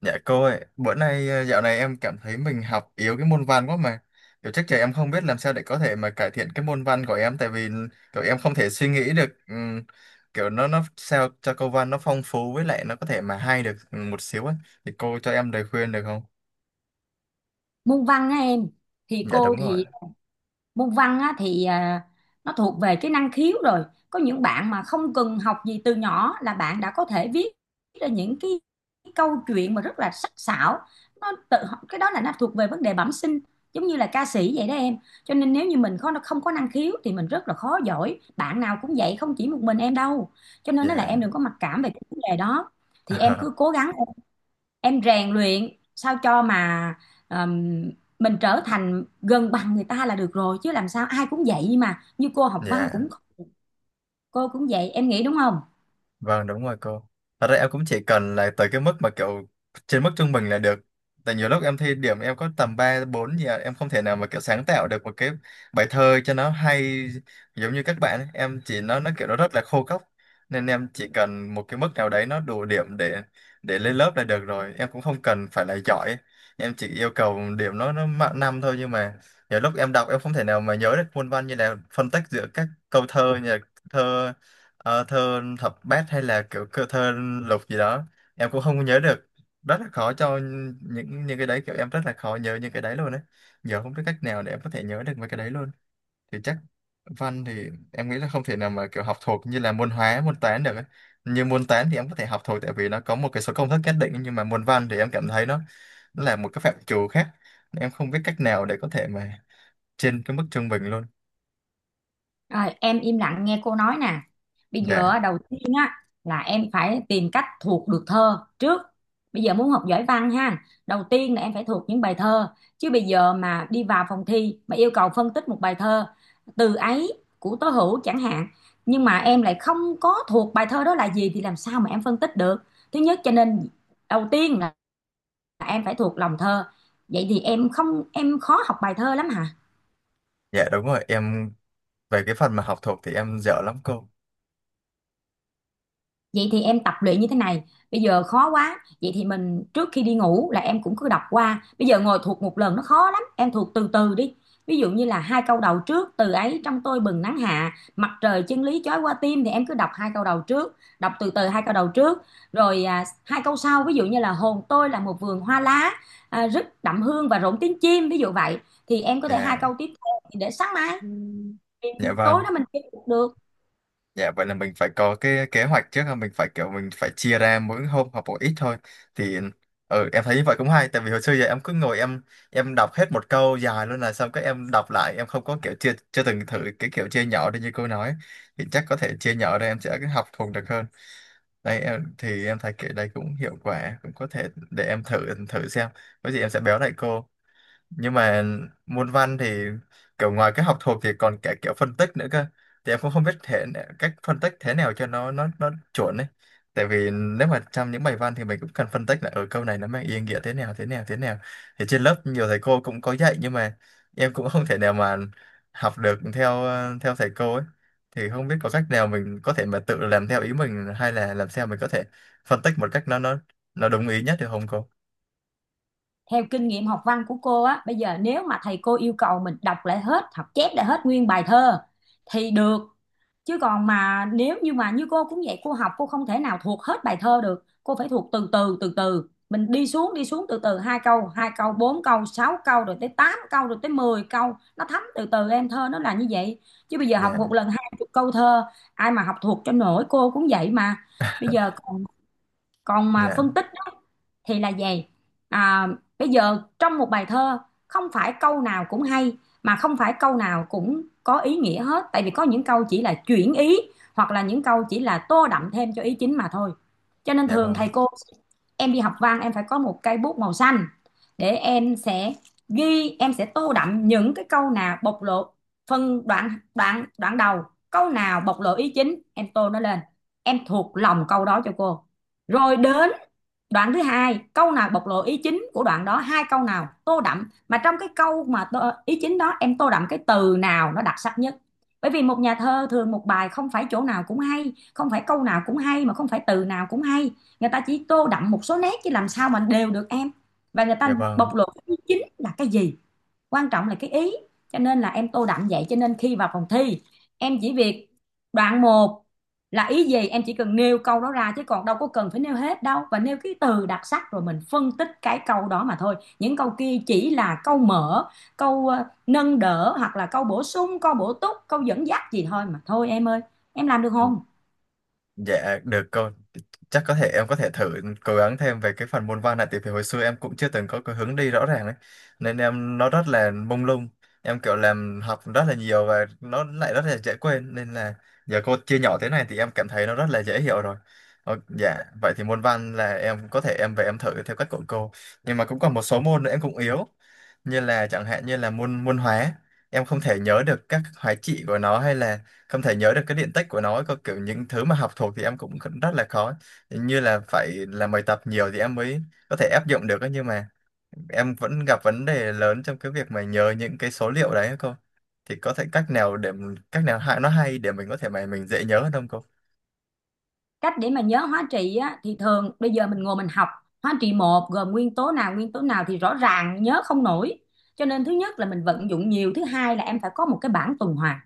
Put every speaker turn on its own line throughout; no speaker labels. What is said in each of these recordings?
Dạ cô ơi, bữa nay dạo này em cảm thấy mình học yếu cái môn văn quá mà. Kiểu chắc chắn em không biết làm sao để có thể mà cải thiện cái môn văn của em, tại vì kiểu em không thể suy nghĩ được kiểu nó sao cho câu văn nó phong phú với lại nó có thể mà hay được một xíu á. Thì cô cho em lời khuyên được không?
Môn văn á em, thì
Dạ
cô
đúng rồi.
thì môn văn á nó thuộc về cái năng khiếu rồi. Có những bạn mà không cần học gì từ nhỏ là bạn đã có thể viết ra câu chuyện mà rất là sắc sảo. Nó tự Cái đó là nó thuộc về vấn đề bẩm sinh, giống như là ca sĩ vậy đó em. Cho nên nếu như mình không có năng khiếu thì mình rất là khó giỏi, bạn nào cũng vậy, không chỉ một mình em đâu. Cho nên nó là
Dạ.
em đừng có mặc cảm về cái vấn đề đó. Thì em cứ cố gắng, em rèn luyện sao cho mà ờm, mình trở thành gần bằng người ta là được rồi, chứ làm sao, ai cũng vậy mà, như cô học văn
Dạ.
cũng, cô cũng vậy, em nghĩ đúng không?
Vâng đúng rồi cô. Thật ra em cũng chỉ cần là tới cái mức mà kiểu trên mức trung bình là được. Tại nhiều lúc em thi điểm em có tầm 3 4 gì à, em không thể nào mà kiểu sáng tạo được một cái bài thơ cho nó hay giống như các bạn ấy. Em chỉ nó kiểu nó rất là khô cốc. Nên em chỉ cần một cái mức nào đấy nó đủ điểm để lên lớp là được rồi. Em cũng không cần phải là giỏi. Em chỉ yêu cầu điểm nó mạng năm thôi, nhưng mà nhiều lúc em đọc em không thể nào mà nhớ được muôn văn, như là phân tách giữa các câu thơ, như là thơ. Thơ thập bát hay là thơ lục gì đó, em cũng không nhớ được, rất là khó cho những cái đấy, kiểu em rất là khó nhớ những cái đấy luôn đấy. Giờ không biết cách nào để em có thể nhớ được mấy cái đấy luôn. Thì chắc văn thì em nghĩ là không thể nào mà kiểu học thuộc như là môn hóa, môn toán được ấy. Như môn toán thì em có thể học thuộc tại vì nó có một cái số công thức nhất định, nhưng mà môn văn thì em cảm thấy nó là một cái phạm trù khác, em không biết cách nào để có thể mà trên cái mức trung bình luôn.
Rồi em im lặng nghe cô nói nè. Bây giờ á,
Dạ.
đầu tiên á là em phải tìm cách thuộc được thơ trước. Bây giờ muốn học giỏi văn ha, đầu tiên là em phải thuộc những bài thơ. Chứ bây giờ mà đi vào phòng thi mà yêu cầu phân tích một bài thơ Từ Ấy của Tố Hữu chẳng hạn, nhưng mà em lại không có thuộc bài thơ đó là gì thì làm sao mà em phân tích được. Thứ nhất, cho nên đầu tiên là em phải thuộc lòng thơ. Vậy thì em không, em khó học bài thơ lắm hả?
Dạ đúng rồi em, về cái phần mà học thuộc thì em dở lắm cô.
Vậy thì em tập luyện như thế này, bây giờ khó quá, vậy thì mình trước khi đi ngủ là em cũng cứ đọc qua, bây giờ ngồi thuộc một lần nó khó lắm, em thuộc từ từ đi. Ví dụ như là hai câu đầu trước, "Từ ấy trong tôi bừng nắng hạ, mặt trời chân lý chói qua tim", thì em cứ đọc hai câu đầu trước, đọc từ từ hai câu đầu trước, rồi hai câu sau ví dụ như là "Hồn tôi là một vườn hoa lá, rất đậm hương và rộn tiếng chim", ví dụ vậy, thì em có thể hai
Dạ,
câu tiếp theo để sáng mai,
ừ.
thì
Dạ
tối
vâng.
đó mình chơi được.
Dạ vậy là mình phải có cái kế hoạch trước, là mình phải kiểu mình phải chia ra mỗi hôm học một ít thôi. Thì ừ em thấy như vậy cũng hay, tại vì hồi xưa giờ em cứ ngồi em đọc hết một câu dài luôn là xong cái em đọc lại, em không có kiểu chưa chưa từng thử cái kiểu chia nhỏ đi như cô nói. Thì chắc có thể chia nhỏ ra em sẽ học thuộc được hơn. Đây em thì em thấy kiểu đây cũng hiệu quả, cũng có thể để em thử thử xem. Có gì em sẽ báo lại cô. Nhưng mà môn văn thì kiểu ngoài cái học thuộc thì còn cả kiểu phân tích nữa cơ, thì em cũng không biết cách phân tích thế nào cho nó chuẩn ấy. Tại vì nếu mà trong những bài văn thì mình cũng cần phân tích là ở câu này nó mang ý nghĩa thế nào, thế nào, thế nào. Thì trên lớp nhiều thầy cô cũng có dạy, nhưng mà em cũng không thể nào mà học được theo theo thầy cô ấy. Thì không biết có cách nào mình có thể mà tự làm theo ý mình, hay là làm sao mình có thể phân tích một cách nó đúng ý nhất được không cô?
Theo kinh nghiệm học văn của cô á, bây giờ nếu mà thầy cô yêu cầu mình đọc lại hết, học chép lại hết nguyên bài thơ thì được, chứ còn mà nếu như mà, như cô cũng vậy, cô học cô không thể nào thuộc hết bài thơ được, cô phải thuộc từ từ mình đi xuống, đi xuống từ từ, hai câu, hai câu, bốn câu, sáu câu, rồi tới tám câu, rồi tới 10 câu, nó thấm từ từ em, thơ nó là như vậy. Chứ bây giờ học một
Dạ.
lần 20 câu thơ ai mà học thuộc cho nổi, cô cũng vậy mà. Bây giờ còn còn mà phân
Dạ.
tích á, thì là về à, bây giờ trong một bài thơ không phải câu nào cũng hay, mà không phải câu nào cũng có ý nghĩa hết, tại vì có những câu chỉ là chuyển ý, hoặc là những câu chỉ là tô đậm thêm cho ý chính mà thôi. Cho nên
Dạ
thường
vâng.
thầy cô, em đi học văn em phải có một cây bút màu xanh để em sẽ ghi, em sẽ tô đậm những cái câu nào bộc lộ phân đoạn, đoạn đầu câu nào bộc lộ ý chính em tô nó lên, em thuộc lòng câu đó cho cô. Rồi đến đoạn thứ hai, câu nào bộc lộ ý chính của đoạn đó, hai câu nào tô đậm, mà trong cái câu mà tô, ý chính đó em tô đậm cái từ nào nó đặc sắc nhất. Bởi vì một nhà thơ thường một bài không phải chỗ nào cũng hay, không phải câu nào cũng hay, mà không phải từ nào cũng hay. Người ta chỉ tô đậm một số nét chứ làm sao mà đều được em. Và người
Dạ
ta
vâng.
bộc lộ cái ý chính là cái gì? Quan trọng là cái ý. Cho nên là em tô đậm vậy, cho nên khi vào phòng thi em chỉ việc đoạn một là ý gì em chỉ cần nêu câu đó ra, chứ còn đâu có cần phải nêu hết đâu, và nêu cái từ đặc sắc rồi mình phân tích cái câu đó mà thôi. Những câu kia chỉ là câu mở, câu nâng đỡ, hoặc là câu bổ sung, câu bổ túc, câu dẫn dắt gì thôi mà thôi em ơi. Em làm được không?
Dạ được cô, chắc có thể em có thể thử cố gắng thêm về cái phần môn văn này, tại vì hồi xưa em cũng chưa từng có cái hướng đi rõ ràng đấy, nên em nó rất là mông lung, em kiểu làm học rất là nhiều và nó lại rất là dễ quên, nên là giờ cô chia nhỏ thế này thì em cảm thấy nó rất là dễ hiểu rồi. Dạ vậy thì môn văn là em có thể em về em thử theo cách của cô, nhưng mà cũng còn một số môn nữa em cũng yếu, như là chẳng hạn như là môn môn hóa. Em không thể nhớ được các hóa trị của nó, hay là không thể nhớ được cái điện tích của nó, có kiểu những thứ mà học thuộc thì em cũng rất là khó, như là phải làm bài tập nhiều thì em mới có thể áp dụng được ấy. Nhưng mà em vẫn gặp vấn đề lớn trong cái việc mà nhớ những cái số liệu đấy ấy cô. Thì có thể cách nào để cách nào hay, nó hay để mình có thể mà mình dễ nhớ hơn không cô?
Cách để mà nhớ hóa trị á, thì thường bây giờ mình ngồi mình học hóa trị một gồm nguyên tố nào thì rõ ràng nhớ không nổi. Cho nên thứ nhất là mình vận dụng nhiều, thứ hai là em phải có một cái bảng tuần hoàn.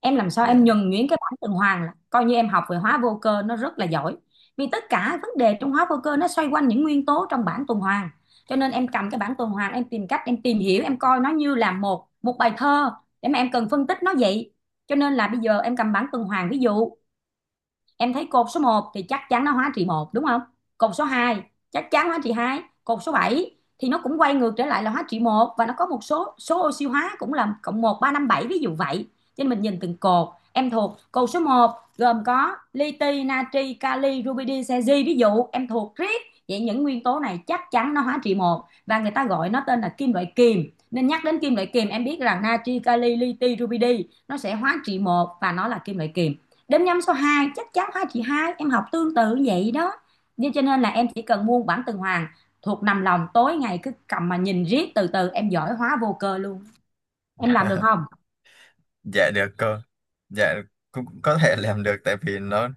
Em làm sao
Dạ.
em nhuần nhuyễn cái bảng tuần hoàn là coi như em học về hóa vô cơ nó rất là giỏi. Vì tất cả vấn đề trong hóa vô cơ nó xoay quanh những nguyên tố trong bảng tuần hoàn. Cho nên em cầm cái bảng tuần hoàn em tìm cách em tìm hiểu, em coi nó như là một một bài thơ để mà em cần phân tích nó vậy. Cho nên là bây giờ em cầm bảng tuần hoàn ví dụ em thấy cột số một thì chắc chắn nó hóa trị một đúng không? Cột số 2 chắc chắn hóa trị 2, cột số 7 thì nó cũng quay ngược trở lại là hóa trị một, và nó có một số số oxy hóa cũng là cộng một, ba, năm, 7 ví dụ vậy. Cho nên mình nhìn từng cột, em thuộc cột số một gồm có li ti, natri, kali, rubidi, cesi, ví dụ em thuộc riết vậy những nguyên tố này chắc chắn nó hóa trị một, và người ta gọi nó tên là kim loại kiềm, nên nhắc đến kim loại kiềm em biết rằng natri, kali, li ti, rubidi nó sẽ hóa trị một và nó là kim loại kiềm. Đếm nhăm số 2 chắc chắn hai, chị hai em học tương tự vậy đó. Nên cho nên là em chỉ cần muôn bản tuần hoàn, thuộc nằm lòng tối ngày cứ cầm mà nhìn riết từ từ em giỏi hóa vô cơ luôn. Em làm được không?
Dạ được cô. Dạ cũng có thể làm được tại vì nó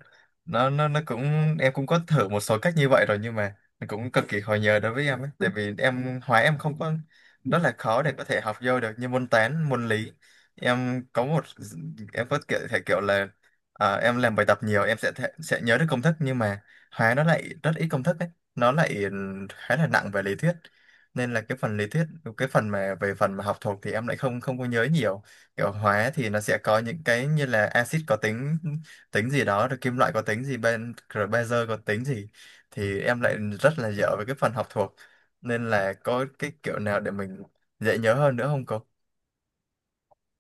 nó nó nó cũng em cũng có thử một số cách như vậy rồi, nhưng mà nó cũng cực kỳ khó nhớ đối với em ấy, tại vì em hóa em không có rất là khó để có thể học vô được như môn toán, môn lý. Em có một có kiểu thể kiểu là em làm bài tập nhiều em sẽ thể, sẽ nhớ được công thức, nhưng mà hóa nó lại rất ít công thức ấy, nó lại khá là nặng về lý thuyết. Nên là cái phần lý thuyết, cái phần mà về phần mà học thuộc thì em lại không không có nhớ nhiều. Kiểu hóa thì nó sẽ có những cái như là axit có tính tính gì đó, rồi kim loại có tính gì ben, rồi bazơ có tính gì, thì em lại rất là dở với cái phần học thuộc. Nên là có cái kiểu nào để mình dễ nhớ hơn nữa không cô?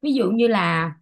Ví dụ như là,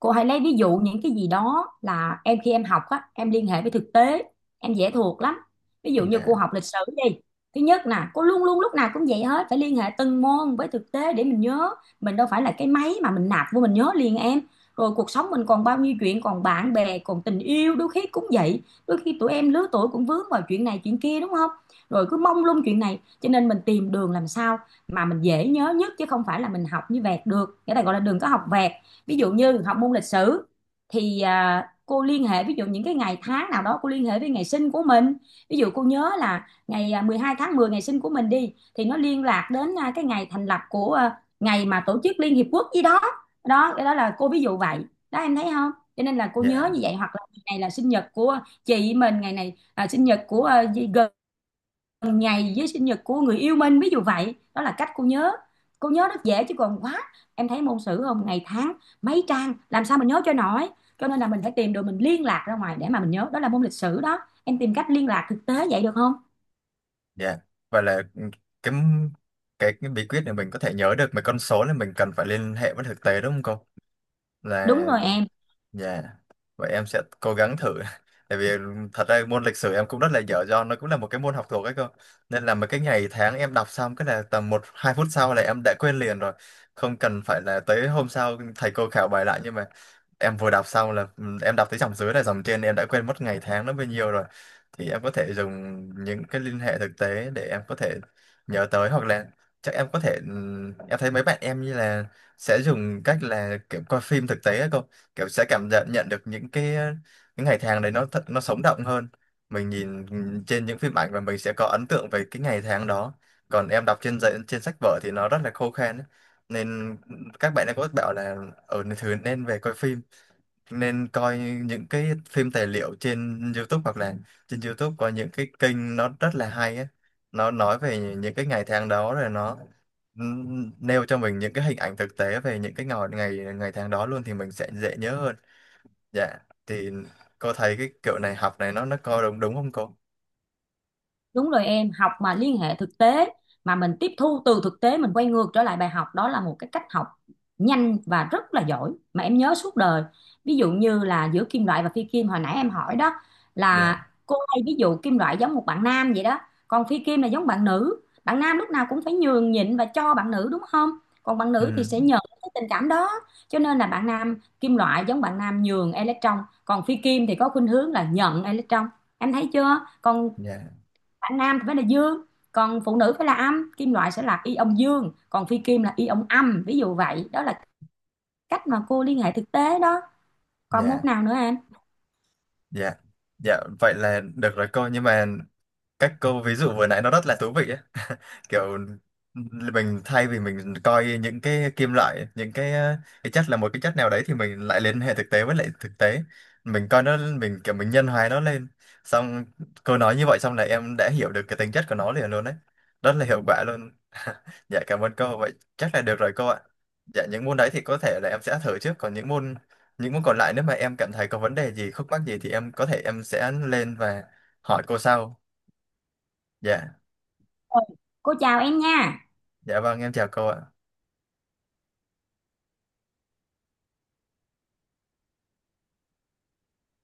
cô hãy lấy ví dụ những cái gì đó là em khi em học á, em liên hệ với thực tế, em dễ thuộc lắm. Ví dụ như cô
Dạ.
học lịch sử đi. Thứ nhất nè, cô luôn luôn lúc nào cũng vậy hết, phải liên hệ từng môn với thực tế để mình nhớ. Mình đâu phải là cái máy mà mình nạp vô mình nhớ liền em. Rồi cuộc sống mình còn bao nhiêu chuyện, còn bạn bè, còn tình yêu, đôi khi cũng vậy. Đôi khi tụi em lứa tuổi cũng vướng vào chuyện này chuyện kia đúng không? Rồi cứ mông lung chuyện này, cho nên mình tìm đường làm sao mà mình dễ nhớ nhất chứ không phải là mình học như vẹt được. Cái này gọi là đừng có học vẹt. Ví dụ như học môn lịch sử thì cô liên hệ ví dụ những cái ngày tháng nào đó cô liên hệ với ngày sinh của mình, ví dụ cô nhớ là ngày 12 tháng 10 ngày sinh của mình đi thì nó liên lạc đến cái ngày thành lập của ngày mà tổ chức Liên Hiệp Quốc gì đó. Đó, cái đó là cô ví dụ vậy đó, em thấy không? Cho nên là cô nhớ như
Dạ.
vậy, hoặc là ngày này là sinh nhật của chị mình, ngày này là sinh nhật của ngày với sinh nhật của người yêu mình ví dụ vậy đó là cách cô nhớ. Cô nhớ rất dễ, chứ còn quá, em thấy môn sử không ngày tháng mấy trang làm sao mình nhớ cho nổi. Cho nên là mình phải tìm đồ mình liên lạc ra ngoài để mà mình nhớ, đó là môn lịch sử đó. Em tìm cách liên lạc thực tế vậy được không?
Dạ và là cái cái cái bí quyết để mình có thể nhớ được mấy con số là mình cần phải liên hệ với thực tế, đúng không cô? Là
Đúng rồi em.
yeah. Vậy em sẽ cố gắng thử. Tại vì thật ra môn lịch sử em cũng rất là dở, do nó cũng là một cái môn học thuộc ấy cơ. Nên là mấy cái ngày tháng em đọc xong cái là tầm một 2 phút sau là em đã quên liền rồi. Không cần phải là tới hôm sau thầy cô khảo bài lại, nhưng mà em vừa đọc xong là em đọc tới dòng dưới là dòng trên em đã quên mất ngày tháng nó bao nhiêu rồi. Thì em có thể dùng những cái liên hệ thực tế để em có thể nhớ tới, hoặc là chắc em có thể em thấy mấy bạn em như là sẽ dùng cách là kiểu coi phim thực tế ấy cơ, kiểu sẽ cảm nhận nhận được những cái những ngày tháng đấy nó thật, nó sống động hơn mình nhìn trên những phim ảnh, và mình sẽ có ấn tượng về cái ngày tháng đó. Còn em đọc trên giấy trên sách vở thì nó rất là khô khan ấy. Nên các bạn ấy có bảo là ở thứ nên về coi phim, nên coi những cái phim tài liệu trên YouTube, hoặc là trên YouTube có những cái kênh nó rất là hay ấy. Nó nói về những cái ngày tháng đó rồi nó nêu cho mình những cái hình ảnh thực tế về những cái ngày ngày ngày tháng đó luôn thì mình sẽ dễ nhớ hơn. Dạ thì cô thấy cái kiểu này học này nó có đúng đúng không cô?
Đúng rồi em, học mà liên hệ thực tế, mà mình tiếp thu từ thực tế mình quay ngược trở lại bài học, đó là một cái cách học nhanh và rất là giỏi mà em nhớ suốt đời. Ví dụ như là giữa kim loại và phi kim hồi nãy em hỏi đó, là
Dạ.
cô hay ví dụ kim loại giống một bạn nam vậy đó, còn phi kim là giống bạn nữ. Bạn nam lúc nào cũng phải nhường nhịn và cho bạn nữ đúng không? Còn bạn
Ừ.
nữ thì sẽ nhận cái tình cảm đó. Cho nên là bạn nam kim loại giống bạn nam nhường electron, còn phi kim thì có khuynh hướng là nhận electron. Em thấy chưa? Còn
Dạ.
bạn nam thì phải là dương, còn phụ nữ phải là âm, kim loại sẽ là ion dương còn phi kim là ion âm, ví dụ vậy đó là cách mà cô liên hệ thực tế đó. Còn môn
Dạ.
nào nữa em?
Dạ. Dạ vậy là được rồi cô, nhưng mà cách câu ví dụ vừa nãy nó rất là thú vị ấy, kiểu mình thay vì mình coi những cái kim loại, những cái cái chất là một cái chất nào đấy, thì mình lại liên hệ thực tế với lại thực tế, mình coi nó mình kiểu mình nhân hóa nó lên, xong cô nói như vậy xong là em đã hiểu được cái tính chất của nó liền luôn đấy, rất là hiệu quả luôn. Dạ cảm ơn cô, vậy chắc là được rồi cô ạ. Dạ những môn đấy thì có thể là em sẽ thử trước, còn những môn còn lại nếu mà em cảm thấy có vấn đề gì khúc mắc gì thì em có thể em sẽ lên và hỏi cô sau. Dạ.
Ừ. Cô chào em nha.
Dạ vâng em chào cô ạ.